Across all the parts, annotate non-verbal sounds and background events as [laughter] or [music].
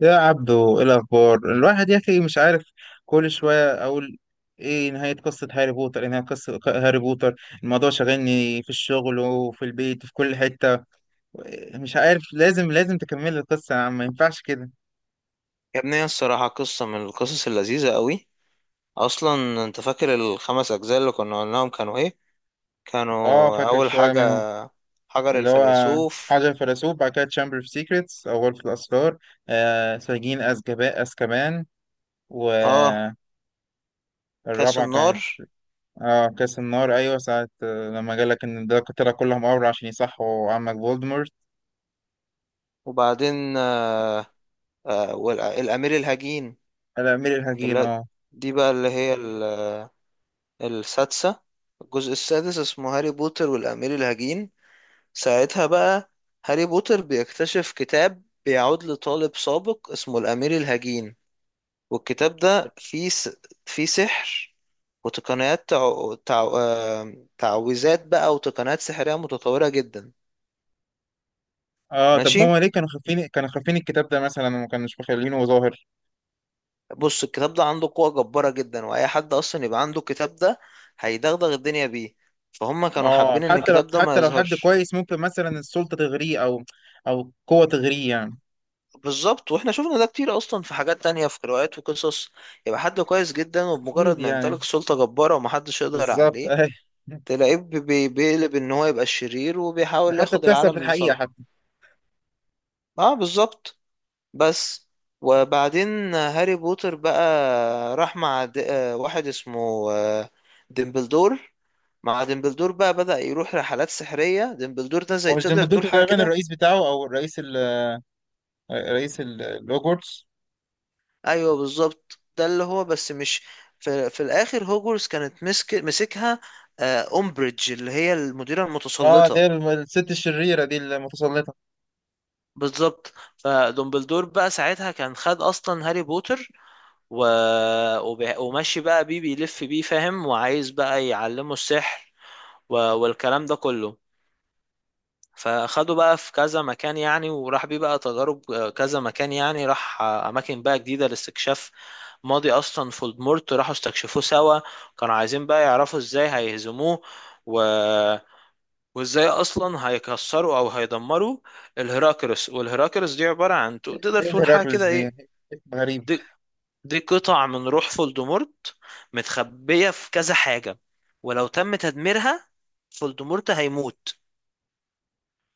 يا عبدو، ايه الاخبار؟ الواحد يا اخي مش عارف. كل شويه اقول ايه نهايه قصه هاري بوتر؟ الموضوع شاغلني في الشغل وفي البيت وفي كل حته. مش عارف، لازم تكمل القصه يا عم، ما ينفعش كده. يا ابني، هي الصراحة قصة من القصص اللذيذة قوي. أصلا أنت فاكر الخمس أجزاء اللي كنا قلناهم كانوا إيه؟ اه، كانوا فاكر أول شويه حاجة منهم. حجر اللي هو الفيلسوف. حجر الفيلسوف، بعد كده تشامبر اوف سيكريتس او غرفه الاسرار. آه، سجين azkaban. آه والرابعه كاس كانت النار. اه كاس النار، ايوه. ساعة لما جالك ان ده القتلة كلهم امر عشان يصحوا عمك فولدمورت. وبعدين والأمير الهجين الامير الحكيم، اللي اه. دي بقى اللي هي ال- السادسة. الجزء السادس اسمه هاري بوتر والأمير الهجين. ساعتها بقى هاري بوتر بيكتشف كتاب بيعود لطالب سابق اسمه الأمير الهجين. والكتاب ده فيه سحر وتقنيات تع... تع... آه، تعويذات بقى وتقنيات سحرية متطورة جدا. اه طب ماشي. هما ليه كانوا خافين الكتاب ده مثلا وما كانوش مخلينه ظاهر؟ بص الكتاب ده عنده قوة جبارة جدا، وأي حد أصلا يبقى عنده الكتاب ده هيدغدغ الدنيا بيه. فهم كانوا اه، حابين إن حتى لو الكتاب ده ما حتى لو حد يظهرش. كويس ممكن مثلا السلطة تغريه او قوة تغريه يعني. بالظبط، واحنا شفنا ده كتير اصلا في حاجات تانية في روايات وقصص. يبقى حد كويس جدا، اكيد وبمجرد ما يعني، يمتلك سلطة جبارة ومحدش يقدر بالظبط عليه اي. [laughs] تلاقيه بيقلب ان هو يبقى الشرير ده وبيحاول حتى ياخد بتحصل في العالم الحقيقة لصالحه. حتى. اه بالظبط. بس. وبعدين هاري بوتر بقى راح مع د... آه، واحد اسمه ديمبلدور. مع ديمبلدور بقى بدأ يروح رحلات سحرية. ديمبلدور ده هو زي مش تقدر ديمبلدور تقول حاجة تقريبا كده. الرئيس بتاعه، او الرئيس الهوجورتس؟ ايوه بالظبط، ده اللي هو، بس مش في الاخر. هوجورس كانت مسكها أمبريدج اللي هي المديرة اه، المتسلطة. دي الست الشريرة دي المتسلطة. بالظبط. فدومبلدور بقى ساعتها كان خد اصلا هاري بوتر و... وماشي بقى بيه، بيلف بيه، فاهم، وعايز بقى يعلمه السحر والكلام ده كله. فاخده بقى في كذا مكان يعني، وراح بيه بقى تجارب، كذا مكان يعني، راح اماكن بقى جديدة لاستكشاف ماضي اصلا فولدمورت، راحوا استكشفوه سوا. كانوا عايزين بقى يعرفوا ازاي هيهزموه، و... وازاي اصلا هيكسروا او هيدمروا الهراكرس. والهراكرس دي عباره عن تقدر ايه تقول حاجه هيراكلس كده دي؟ ايه. غريبة. دي, دي قطع من روح فولدمورت متخبيه في كذا حاجه، ولو تم تدميرها فولدمورت هيموت.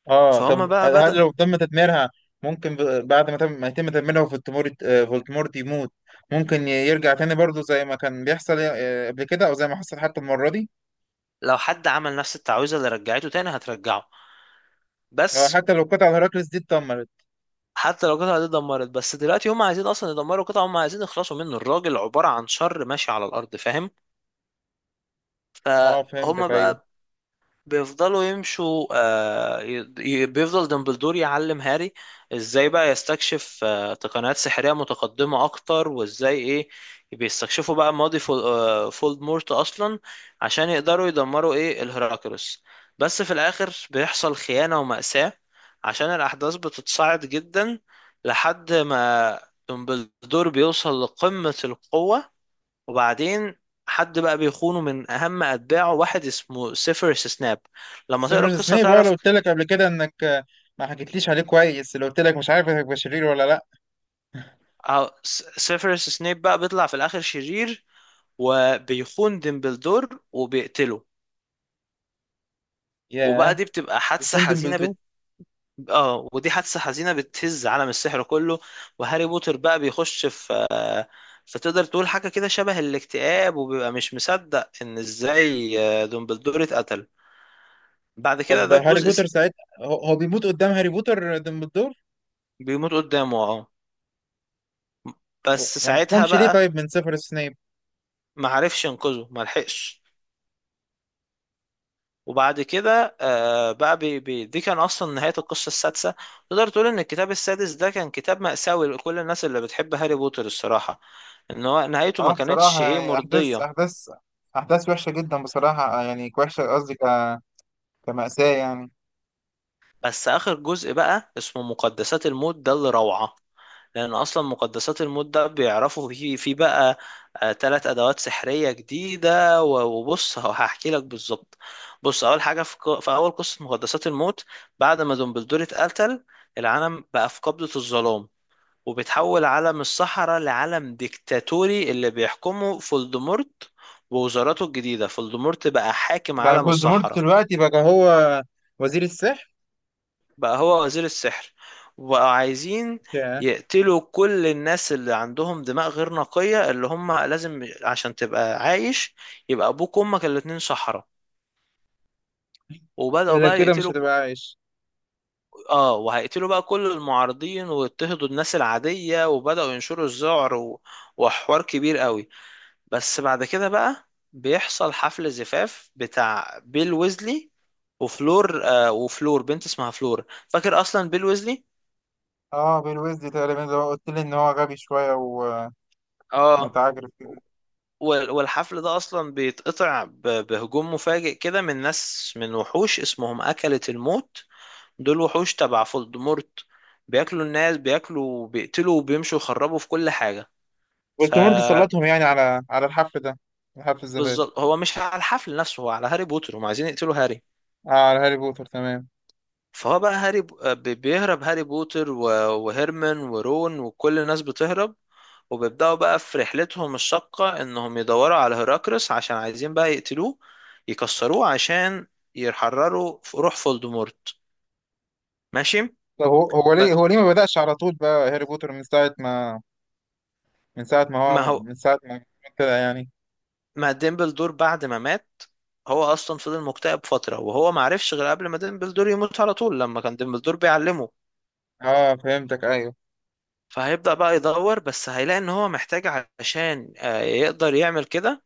اه فهم طب بقى هل بدأ. لو تم تدميرها ممكن بعد ما يتم تدميرها فولتمورت، فولتمورت يموت؟ ممكن يرجع تاني برضه زي ما كان بيحصل قبل كده، او زي ما حصل حتى المرة دي. لو حد عمل نفس التعويذه اللي رجعته تاني هترجعه. بس، حتى لو قطع هيراكلس دي اتدمرت. حتى لو القطعه دي اتدمرت. بس دلوقتي هم عايزين اصلا يدمروا قطعه، هم عايزين يخلصوا منه. الراجل عباره عن شر ماشي على الارض، فاهم. اه فهم فهمتك، ايوه. بقى بيفضلوا يمشوا، بيفضل دمبلدور يعلم هاري ازاي بقى يستكشف تقنيات سحرية متقدمة اكتر، وازاي ايه بيستكشفوا بقى ماضي فولدمورت اصلا عشان يقدروا يدمروا ايه الهراكروس. بس في الاخر بيحصل خيانة ومأساة عشان الاحداث بتتصاعد جدا لحد ما دمبلدور بيوصل لقمة القوة. وبعدين حد بقى بيخونه من اهم اتباعه، واحد اسمه سيفيروس سناب. لما تقرا سيفيروس القصه سنيب، اه، لو تعرف. قلت لك قبل كده انك ما حكيتليش عليه كويس، لو قلت لك مش عارف هيبقى شرير ولا لا. سيفيروس سناب بقى بيطلع في الاخر شرير، وبيخون ديمبلدور وبيقتله. وبقى ياه، دي بتبقى حادثه بيكون حزينه ديمبلدور. بت... اه ودي حادثه حزينه بتهز عالم السحر كله. وهاري بوتر بقى بيخش في فتقدر تقول حاجه كده شبه الاكتئاب، وبيبقى مش مصدق ان ازاي ديمبلدور اتقتل. بعد كده طب ده هاري الجزء بوتر س- ساعتها هو بيموت قدام هاري بوتر ديمبلدور؟ بيموت قدامه اه. بس ما ساعتها انتقمش ليه بقى طيب من سيفيروس سنيب؟ ما عرفش ينقذه، ما لحقش. وبعد كده آه بقى بي بي دي كان اصلا نهاية القصة السادسة. تقدر تقول ان الكتاب السادس ده كان كتاب مأساوي لكل الناس اللي بتحب هاري بوتر، الصراحة، ان هو نهايته ما اه كانتش بصراحة ايه يعني، مرضية. أحداث وحشة جدا بصراحة، يعني وحشة قصدي كمأساة يعني. بس اخر جزء بقى اسمه مقدسات الموت ده اللي روعة، لأن أصلا مقدسات الموت ده بيعرفوا في بقى تلات أدوات سحرية جديدة. وبص، هحكي لك بالظبط. بص، أول حاجة في أول قصة مقدسات الموت، بعد ما دومبلدور اتقتل، العالم بقى في قبضة الظلام، وبيتحول عالم الصحراء لعالم ديكتاتوري اللي بيحكمه فولدمورت ووزاراته الجديدة. فولدمورت بقى حاكم يعني عالم فولدمورت الصحراء، دلوقتي بقى هو وزير السحر. بقى هو وزير السحر. وبقوا عايزين يا. يقتلوا كل الناس اللي عندهم دماء غير نقية، اللي هم لازم عشان تبقى عايش يبقى أبوك وأمك الاتنين سحرة. وبدأوا إلا بقى كده مش يقتلوا. هتبقى عايش. اه وهيقتلوا بقى كل المعارضين، ويضطهدوا الناس العادية، وبدأوا ينشروا الذعر وحوار كبير قوي. بس بعد كده بقى بيحصل حفل زفاف بتاع بيل ويزلي وفلور. وفلور بنت اسمها فلور، فاكر أصلا بيل ويزلي. اه، بيل ويزلي تقريبا زي ما قلت لي إن هو غبي شوية اه ومتعجرف كده. والحفل ده اصلا بيتقطع بهجوم مفاجئ كده من ناس، من وحوش اسمهم أكلة الموت. دول وحوش تبع فولدمورت، بياكلوا الناس، بياكلوا، بيقتلوا، وبيمشوا يخربوا في كل حاجة. فولدمورت فبالظبط. سلطهم يعني على الحفل ده، حفل الزفاف. هو مش على الحفل نفسه، هو على هاري بوتر، هم عايزين يقتلوا هاري. اه، على هاري بوتر تمام. فهو بقى بيهرب هاري بوتر و- وهيرمان ورون وكل الناس بتهرب. وبيبدأوا بقى في رحلتهم الشاقة إنهم يدوروا على هيراكرس عشان عايزين بقى يقتلوه، يكسروه، عشان يحرروا روح فولدمورت. ماشي. طب هو هو ب- ليه هو ليه ما بدأش على طول بقى هاري بوتر من ساعة ما من ساعة ما ما هو هو، من ساعة ما كده يعني؟ ما ديمبلدور بعد ما مات هو أصلا فضل مكتئب فترة، وهو ما عرفش غير قبل ما ديمبلدور يموت على طول لما كان ديمبلدور بيعلمه. اه فهمتك، ايوه. فهيبدأ بقى يدور، بس هيلاقي إن هو محتاج، عشان يقدر يعمل كده،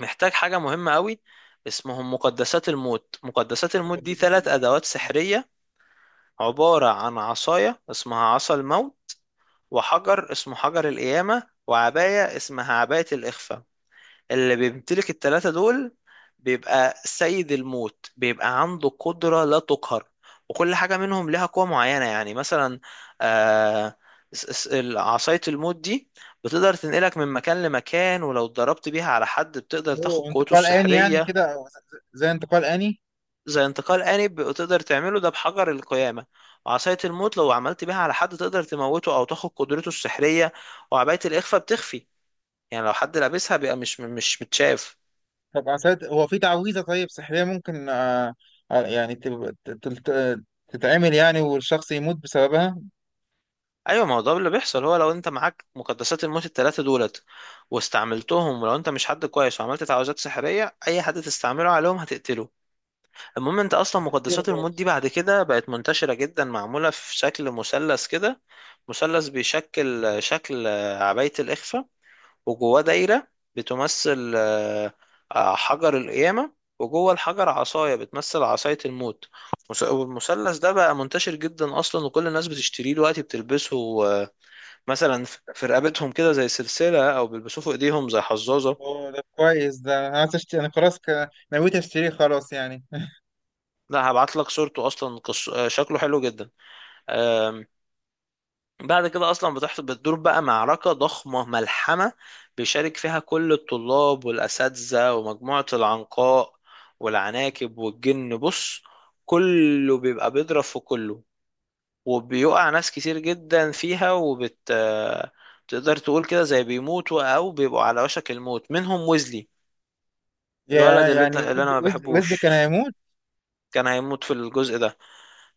محتاج حاجة مهمة قوي اسمهم مقدسات الموت. مقدسات الموت دي مقدسات ثلاث الموت. أدوات سحرية، عبارة عن عصاية اسمها عصا الموت، وحجر اسمه حجر القيامة، وعباية اسمها عباية الإخفاء. اللي بيمتلك التلاتة دول بيبقى سيد الموت، بيبقى عنده قدرة لا تقهر. وكل حاجة منهم لها قوة معينة يعني. مثلا آه عصاية الموت دي بتقدر تنقلك من مكان لمكان، ولو اتضربت بيها على حد بتقدر تاخد اوه، قوته انتقال آني يعني السحرية. كده، أو زي انتقال آني؟ زي انتقال آني تقدر تعمله ده بحجر القيامة. وعصاية الموت لو عملت بيها على حد تقدر تموته أو تاخد قدرته السحرية. وعباية الإخفاء بتخفي، يعني لو حد لابسها بيبقى مش متشاف. طب عساد هو في تعويذة طيب سحرية ممكن، يعني تتعمل يعني والشخص يموت بسببها؟ أيوة، ما هو ده اللي بيحصل. هو لو أنت معاك مقدسات الموت التلاتة دولت واستعملتهم، ولو أنت مش حد كويس وعملت تعويذات سحرية أي حد تستعمله عليهم هتقتله. المهم، أنت أصلا هتقتله مقدسات الموت دي خالص، بعد آه. كده بقت منتشرة جدا، معمولة في شكل مثلث كده. مثلث بيشكل شكل عباية الإخفاء، وجواه دايرة بتمثل حجر القيامة، وجوه الحجر عصاية بتمثل عصاية الموت. والمثلث ده بقى منتشر جدا أصلا، وكل الناس بتشتريه دلوقتي بتلبسه، مثلا في رقبتهم كده زي سلسلة، أو بيلبسوه في إيديهم زي حظاظة. اوه ده كويس. ده انا عايز اشتري، انا خلاص نويت اشتريه خلاص يعني. [laughs] لا، هبعت لك صورته أصلا، شكله حلو جدا. بعد كده اصلا بتدور بقى معركه ضخمه ملحمه. بيشارك فيها كل الطلاب والاساتذه ومجموعه العنقاء والعناكب والجن. بص، كله بيبقى بيضرب في كله، وبيقع ناس كتير جدا فيها، وبت آه، تقدر تقول كده زي بيموتوا او بيبقوا على وشك الموت. منهم ويزلي، الولد يا يعني اللي انا ما وزلي بحبوش، كان هيموت؟ كان هيموت في الجزء ده.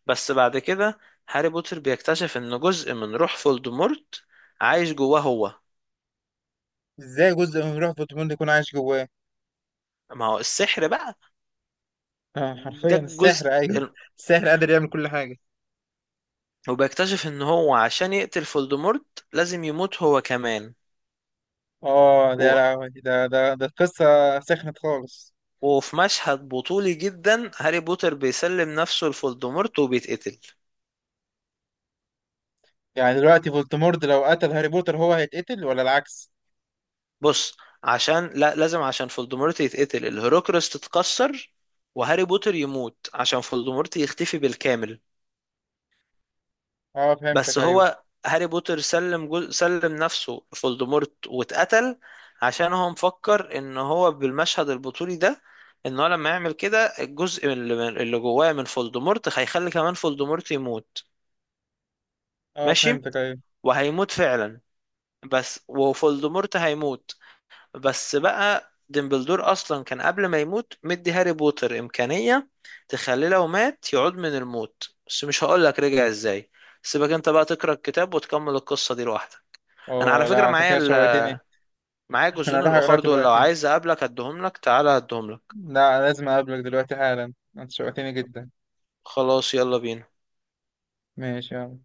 بس بعد كده هاري بوتر بيكتشف ان جزء من روح فولدمورت عايش جواه هو. ازاي جزء من روح فوتوموند يكون عايش جواه؟ ما هو السحر بقى. آه، ده حرفيا السحر، الجزء ايوه. ال- السحر قادر يعمل كل حاجة. وبيكتشف ان هو عشان يقتل فولدمورت لازم يموت هو كمان. اه ده يا و... لهوي، ده قصة. سخنت خالص. وفي مشهد بطولي جدا هاري بوتر بيسلم نفسه لفولدمورت وبيتقتل. يعني دلوقتي فولتمورت لو قتل هاري بوتر، هو هيتقتل ولا العكس؟ بص، عشان لا، لازم عشان فولدمورت يتقتل الهوروكريس تتكسر، وهاري بوتر يموت عشان فولدمورت يختفي بالكامل. اه فهمتك، بس ايوه. هو هاري بوتر سلم نفسه فولدمورت واتقتل، عشان هو مفكر ان هو بالمشهد البطولي ده، ان هو لما يعمل كده الجزء اللي جواه من فولدمورت هيخلي كمان فولدمورت يموت. اه ماشي. فهمتك، ايوه. وهيموت فعلا. بس، وفولدمورت هيموت. بس بقى ديمبلدور اصلا كان قبل ما يموت مدي هاري بوتر امكانية تخليه لو مات يعود من الموت، بس مش هقولك رجع ازاي. سيبك انت بقى تقرا الكتاب وتكمل القصة دي لوحدك. انا اه على فكرة لا، انت معايا كده شوقتني. [laughs] معايا انا الجزئين اروح اقرا الاخر دول، لو دلوقتي. عايز اقابلك اديهم لك، تعالى اديهم لك. لا، لازم اقابلك دلوقتي حالا، انت شوقتني جدا. خلاص، يلا بينا. ماشي، يلا.